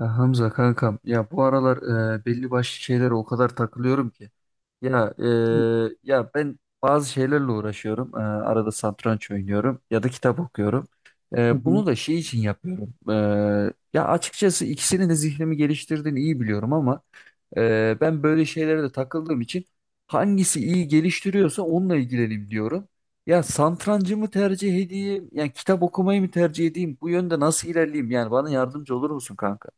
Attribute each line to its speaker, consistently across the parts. Speaker 1: Ya Hamza kankam ya bu aralar belli başlı şeylere o kadar takılıyorum ki. ya e,
Speaker 2: Hı
Speaker 1: Ya ben bazı şeylerle uğraşıyorum. Arada satranç oynuyorum ya da kitap okuyorum.
Speaker 2: hı.
Speaker 1: Bunu da şey için yapıyorum. Ya açıkçası ikisinin de zihnimi geliştirdiğini iyi biliyorum, ama ben böyle şeylere de takıldığım için hangisi iyi geliştiriyorsa onunla ilgileneyim diyorum. Ya satrancı mı tercih edeyim? Yani kitap okumayı mı tercih edeyim? Bu yönde nasıl ilerleyeyim? Yani bana yardımcı olur musun kanka?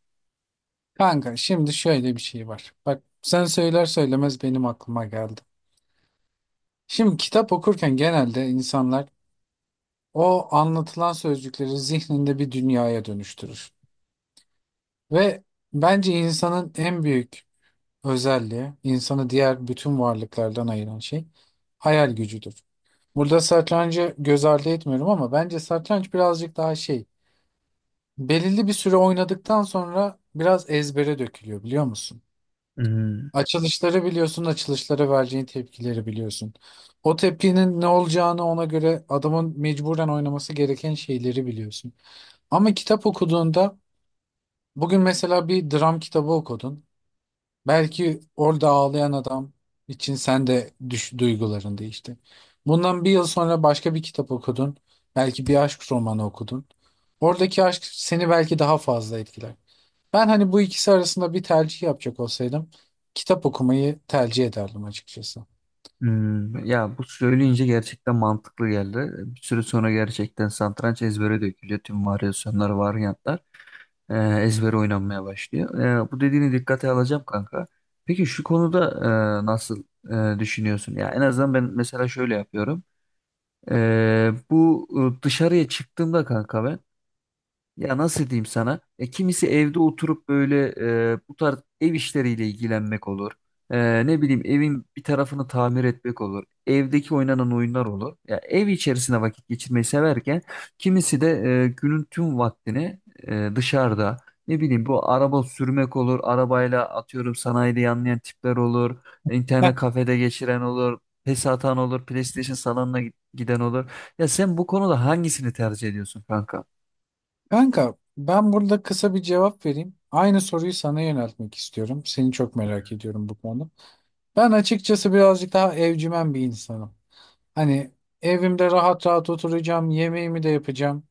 Speaker 2: Kanka şimdi şöyle bir şey var. Bak sen söyler söylemez benim aklıma geldi. Şimdi kitap okurken genelde insanlar o anlatılan sözcükleri zihninde bir dünyaya dönüştürür. Ve bence insanın en büyük özelliği, insanı diğer bütün varlıklardan ayıran şey hayal gücüdür. Burada satrancı göz ardı etmiyorum ama bence satranç birazcık daha şey, belirli bir süre oynadıktan sonra biraz ezbere dökülüyor biliyor musun?
Speaker 1: Hmm,
Speaker 2: Açılışları biliyorsun, açılışlara vereceğin tepkileri biliyorsun. O tepkinin ne olacağını ona göre adamın mecburen oynaması gereken şeyleri biliyorsun. Ama kitap okuduğunda bugün mesela bir dram kitabı okudun. Belki orada ağlayan adam için sen de düş, duyguların değişti. Bundan bir yıl sonra başka bir kitap okudun. Belki bir aşk romanı okudun. Oradaki aşk seni belki daha fazla etkiler. Ben hani bu ikisi arasında bir tercih yapacak olsaydım kitap okumayı tercih ederdim açıkçası.
Speaker 1: hmm. Ya bu söyleyince gerçekten mantıklı geldi. Bir süre sonra gerçekten satranç ezbere dökülüyor. Tüm varyasyonlar, varyantlar ezbere oynanmaya başlıyor. Bu dediğini dikkate alacağım kanka. Peki şu konuda nasıl düşünüyorsun? Ya en azından ben mesela şöyle yapıyorum. Bu dışarıya çıktığımda kanka ben. Ya nasıl diyeyim sana? Kimisi evde oturup böyle bu tarz ev işleriyle ilgilenmek olur. Ne bileyim evin bir tarafını tamir etmek olur. Evdeki oynanan oyunlar olur. Ya ev içerisinde vakit geçirmeyi severken kimisi de günün tüm vaktini dışarıda. Ne bileyim bu araba sürmek olur. Arabayla atıyorum sanayide yanlayan tipler olur.
Speaker 2: Heh.
Speaker 1: İnternet kafede geçiren olur. PES atan olur. PlayStation salonuna giden olur. Ya sen bu konuda hangisini tercih ediyorsun kanka?
Speaker 2: Kanka ben burada kısa bir cevap vereyim. Aynı soruyu sana yöneltmek istiyorum. Seni çok merak ediyorum bu konuda. Ben açıkçası birazcık daha evcimen bir insanım. Hani evimde rahat rahat oturacağım, yemeğimi de yapacağım.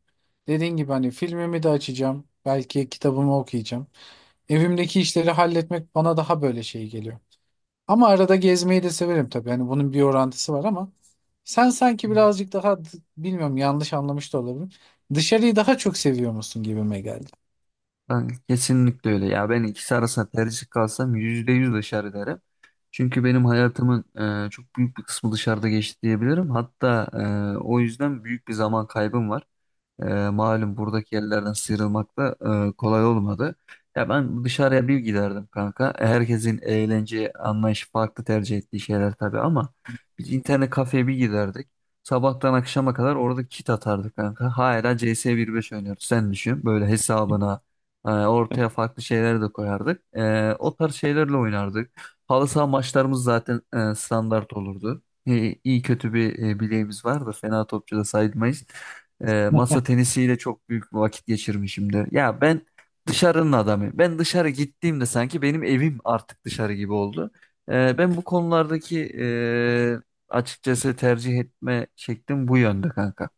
Speaker 2: Dediğin gibi hani filmimi de açacağım. Belki kitabımı okuyacağım. Evimdeki işleri halletmek bana daha böyle şey geliyor. Ama arada gezmeyi de severim tabii. Yani bunun bir orantısı var ama sen sanki birazcık daha bilmiyorum, yanlış anlamış da olabilirim. Dışarıyı daha çok seviyor musun gibime geldi.
Speaker 1: Ben kesinlikle öyle ya. Ben ikisi arasında tercih kalsam %100 dışarı derim. Çünkü benim hayatımın çok büyük bir kısmı dışarıda geçti diyebilirim. Hatta o yüzden büyük bir zaman kaybım var. Malum buradaki yerlerden sıyrılmak da kolay olmadı. Ya ben dışarıya bir giderdim kanka. Herkesin eğlence anlayışı farklı, tercih ettiği şeyler tabii, ama biz internet kafeye bir giderdik. Sabahtan akşama kadar orada kit atardık kanka. Hala CS 1.5 oynuyoruz. Sen düşün. Böyle hesabına ortaya farklı şeyler de koyardık. O tarz şeylerle oynardık. Halı saha maçlarımız zaten standart olurdu. İyi kötü bir bileğimiz vardı. Fena topçu da sayılmayız. Masa tenisiyle çok büyük bir vakit geçirmişimdir. Ya ben dışarının adamıyım. Ben dışarı gittiğimde sanki benim evim artık dışarı gibi oldu. Ben bu konulardaki açıkçası tercih etme şeklim bu yönde kanka.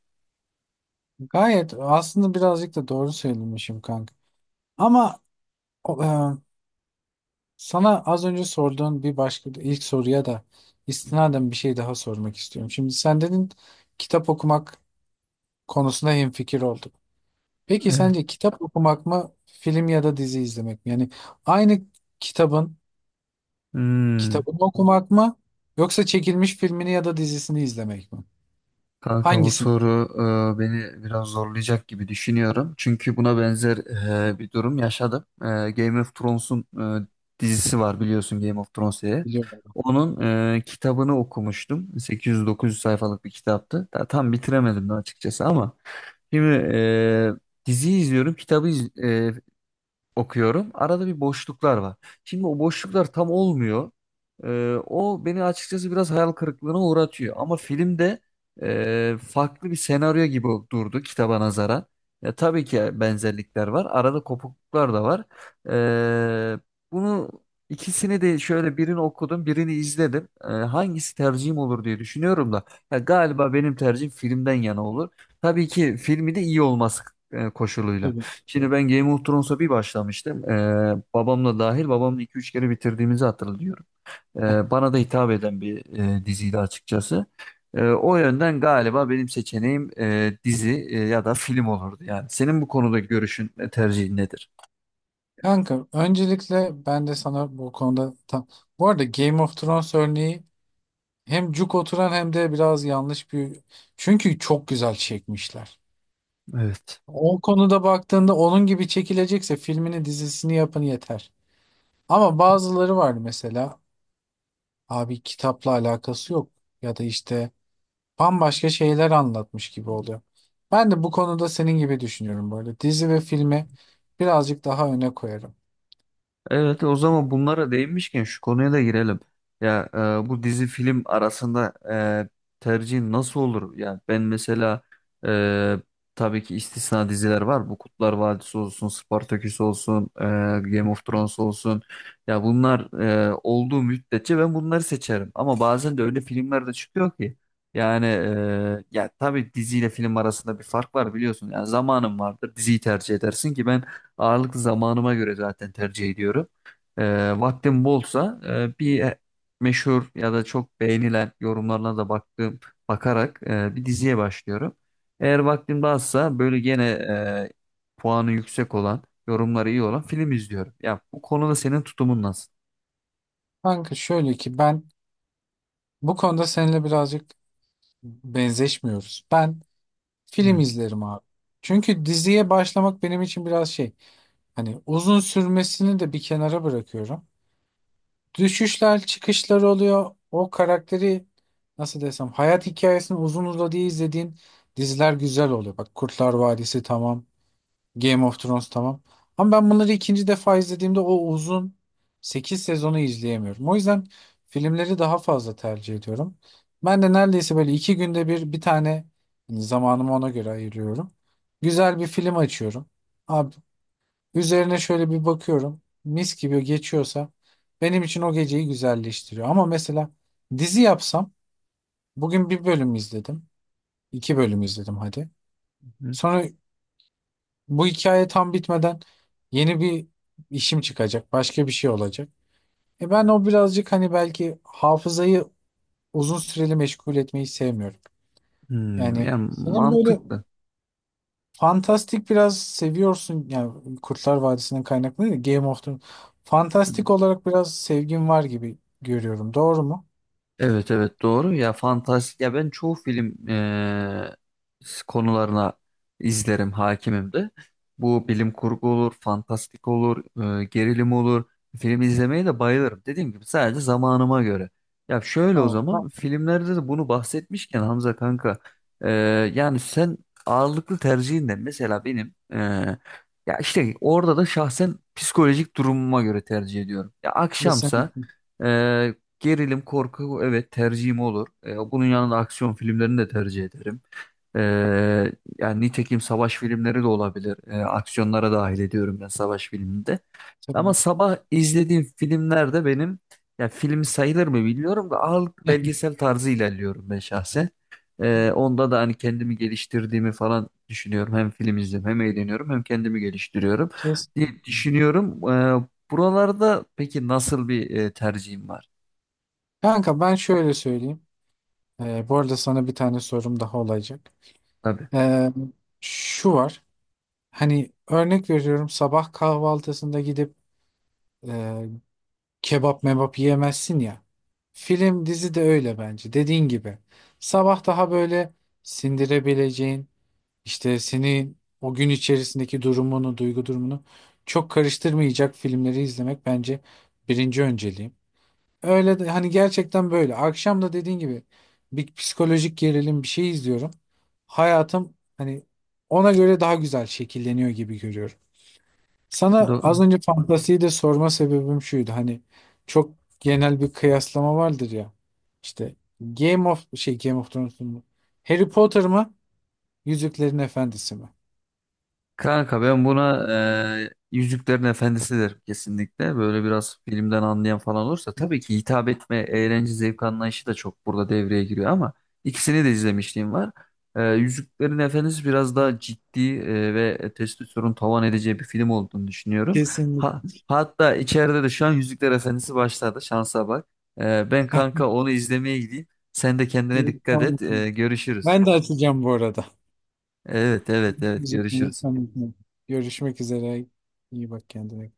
Speaker 2: Gayet aslında birazcık da doğru söylemişim kanka. Ama o, e, sana az önce sorduğun bir başka ilk soruya da istinaden bir şey daha sormak istiyorum. Şimdi sen dedin kitap okumak konusunda hemfikir olduk. Peki
Speaker 1: Evet.
Speaker 2: sence kitap okumak mı, film ya da dizi izlemek mi? Yani aynı kitabın
Speaker 1: Hmm.
Speaker 2: kitabını okumak mı, yoksa çekilmiş filmini ya da dizisini izlemek mi?
Speaker 1: Kanka bu
Speaker 2: Hangisini
Speaker 1: soru beni biraz zorlayacak gibi düşünüyorum. Çünkü buna benzer bir durum yaşadım. Game of Thrones'un e, dizisi var, biliyorsun, Game of Thrones diye.
Speaker 2: biliyorum.
Speaker 1: Onun kitabını okumuştum. 800-900 sayfalık bir kitaptı. Tam bitiremedim de açıkçası, ama şimdi diziyi izliyorum, kitabı okuyorum. Arada bir boşluklar var. Şimdi o boşluklar tam olmuyor. O beni açıkçası biraz hayal kırıklığına uğratıyor. Ama filmde farklı bir senaryo gibi durdu kitaba nazaran. Ya, tabii ki benzerlikler var. Arada kopukluklar da var. Ee, Bunu ikisini de, şöyle birini okudum, birini izledim. Hangisi tercihim olur diye düşünüyorum da. Ya, galiba benim tercihim filmden yana olur. Tabii ki filmi de iyi olması koşuluyla.
Speaker 2: Tabii.
Speaker 1: Şimdi ben Game of Thrones'a bir başlamıştım. Babamla iki üç kere bitirdiğimizi hatırlıyorum. Ee, Bana da hitap eden bir diziydi açıkçası. O yönden galiba benim seçeneğim dizi ya da film olurdu yani. Senin bu konudaki görüşün, tercihin nedir?
Speaker 2: Kanka öncelikle ben de sana bu konuda tam... Bu arada Game of Thrones örneği hem cuk oturan hem de biraz yanlış bir... Çünkü çok güzel çekmişler.
Speaker 1: Evet.
Speaker 2: O konuda baktığında onun gibi çekilecekse filmini dizisini yapın yeter. Ama bazıları var mesela abi, kitapla alakası yok. Ya da işte bambaşka şeyler anlatmış gibi oluyor. Ben de bu konuda senin gibi düşünüyorum böyle. Dizi ve filmi birazcık daha öne koyarım.
Speaker 1: Evet, o zaman bunlara değinmişken şu konuya da girelim. Ya bu dizi film arasında e, tercihin nasıl olur? Ya ben mesela e, tabii ki istisna diziler var. Bu Kutlar Vadisi olsun, Spartaküs olsun, Game of Thrones olsun. Ya bunlar olduğu müddetçe ben bunları seçerim. Ama bazen de öyle filmler de çıkıyor ki. Yani ya tabii diziyle film arasında bir fark var, biliyorsun. Yani zamanın vardır. Diziyi tercih edersin ki ben ağırlık zamanıma göre zaten tercih ediyorum. Vaktim bolsa bir meşhur ya da çok beğenilen yorumlarına da bakarak bir diziye başlıyorum. Eğer vaktim de azsa böyle gene puanı yüksek olan, yorumları iyi olan film izliyorum. Ya bu konuda senin tutumun nasıl?
Speaker 2: Kanka şöyle ki, ben bu konuda seninle birazcık benzeşmiyoruz. Ben
Speaker 1: Hmm.
Speaker 2: film izlerim abi. Çünkü diziye başlamak benim için biraz şey. Hani uzun sürmesini de bir kenara bırakıyorum. Düşüşler, çıkışlar oluyor. O karakteri nasıl desem, hayat hikayesini uzun uzadıya izlediğin diziler güzel oluyor. Bak, Kurtlar Vadisi tamam. Game of Thrones tamam. Ama ben bunları ikinci defa izlediğimde o uzun 8 sezonu izleyemiyorum. O yüzden filmleri daha fazla tercih ediyorum. Ben de neredeyse böyle iki günde bir bir tane, hani zamanımı ona göre ayırıyorum. Güzel bir film açıyorum. Abi, üzerine şöyle bir bakıyorum. Mis gibi geçiyorsa benim için o geceyi güzelleştiriyor. Ama mesela dizi yapsam, bugün bir bölüm izledim. İki bölüm izledim hadi. Sonra bu hikaye tam bitmeden yeni bir işim çıkacak. Başka bir şey olacak. Ben o birazcık hani belki hafızayı uzun süreli meşgul etmeyi sevmiyorum.
Speaker 1: Hmm,
Speaker 2: Yani
Speaker 1: yani
Speaker 2: senin böyle
Speaker 1: mantıklı.
Speaker 2: fantastik biraz seviyorsun. Yani Kurtlar Vadisi'nin kaynaklı değil, de Game of Thrones. Fantastik olarak biraz sevgin var gibi görüyorum. Doğru mu?
Speaker 1: Evet, evet, doğru ya, fantastik. Ya ben çoğu film konularına izlerim, hakimim de. Bu bilim kurgu olur, fantastik olur, gerilim olur. Film izlemeye de bayılırım. Dediğim gibi sadece zamanıma göre. Ya şöyle, o
Speaker 2: Tamam. Ben-
Speaker 1: zaman filmlerde de bunu bahsetmişken Hamza kanka, eee, yani sen ağırlıklı tercihin ne? Mesela benim ya işte orada da şahsen psikolojik durumuma göre tercih ediyorum. Ya akşamsa
Speaker 2: Kesinlikle.
Speaker 1: gerilim, korku, evet, tercihim olur. Bunun yanında aksiyon filmlerini de tercih ederim. E, Yani nitekim savaş filmleri de olabilir. Aksiyonlara dahil ediyorum ben savaş filminde. Ama
Speaker 2: Tabii.
Speaker 1: sabah izlediğim filmlerde benim, ya film sayılır mı bilmiyorum da, ağırlıklı belgesel tarzı ilerliyorum ben şahsen. Onda da hani kendimi geliştirdiğimi falan düşünüyorum. Hem film izliyorum, hem eğleniyorum, hem kendimi geliştiriyorum diye
Speaker 2: Kesinlikle.
Speaker 1: düşünüyorum. Buralarda peki nasıl bir tercihim var?
Speaker 2: Kanka ben şöyle söyleyeyim. Bu arada sana bir tane sorum daha olacak.
Speaker 1: Tabii.
Speaker 2: Ee, Şu var. Hani örnek veriyorum, sabah kahvaltısında gidip e, kebap mebap yiyemezsin ya. Film dizi de öyle bence. Dediğin gibi. Sabah daha böyle sindirebileceğin, işte senin o gün içerisindeki durumunu, duygu durumunu çok karıştırmayacak filmleri izlemek bence birinci önceliğim. Öyle de hani, gerçekten böyle. Akşam da dediğin gibi bir psikolojik gerilim bir şey izliyorum. Hayatım hani ona göre daha güzel şekilleniyor gibi görüyorum. Sana az
Speaker 1: Do-
Speaker 2: önce fantasiyi de sorma sebebim şuydu. Hani çok genel bir kıyaslama vardır ya. İşte Game of Thrones mu? Harry Potter mı? Yüzüklerin Efendisi mi?
Speaker 1: Kanka ben buna Yüzüklerin Efendisi derim kesinlikle. Böyle biraz filmden anlayan falan olursa tabii ki, hitap etme, eğlence, zevk anlayışı da çok burada devreye giriyor, ama ikisini de izlemişliğim var. Yüzüklerin Efendisi biraz daha ciddi ve testosteron tavan edeceği bir film olduğunu düşünüyorum. Ha,
Speaker 2: Kesinlikle.
Speaker 1: hatta içeride de şu an Yüzükler Efendisi başladı. Şansa bak. Ben
Speaker 2: Heh,
Speaker 1: kanka onu izlemeye gideyim. Sen de kendine
Speaker 2: iyi,
Speaker 1: dikkat
Speaker 2: tamam.
Speaker 1: et. Görüşürüz.
Speaker 2: Ben de açacağım bu arada.
Speaker 1: Evet, evet, evet,
Speaker 2: Müzik.
Speaker 1: görüşürüz.
Speaker 2: Görüşmek üzere. İyi bak kendine.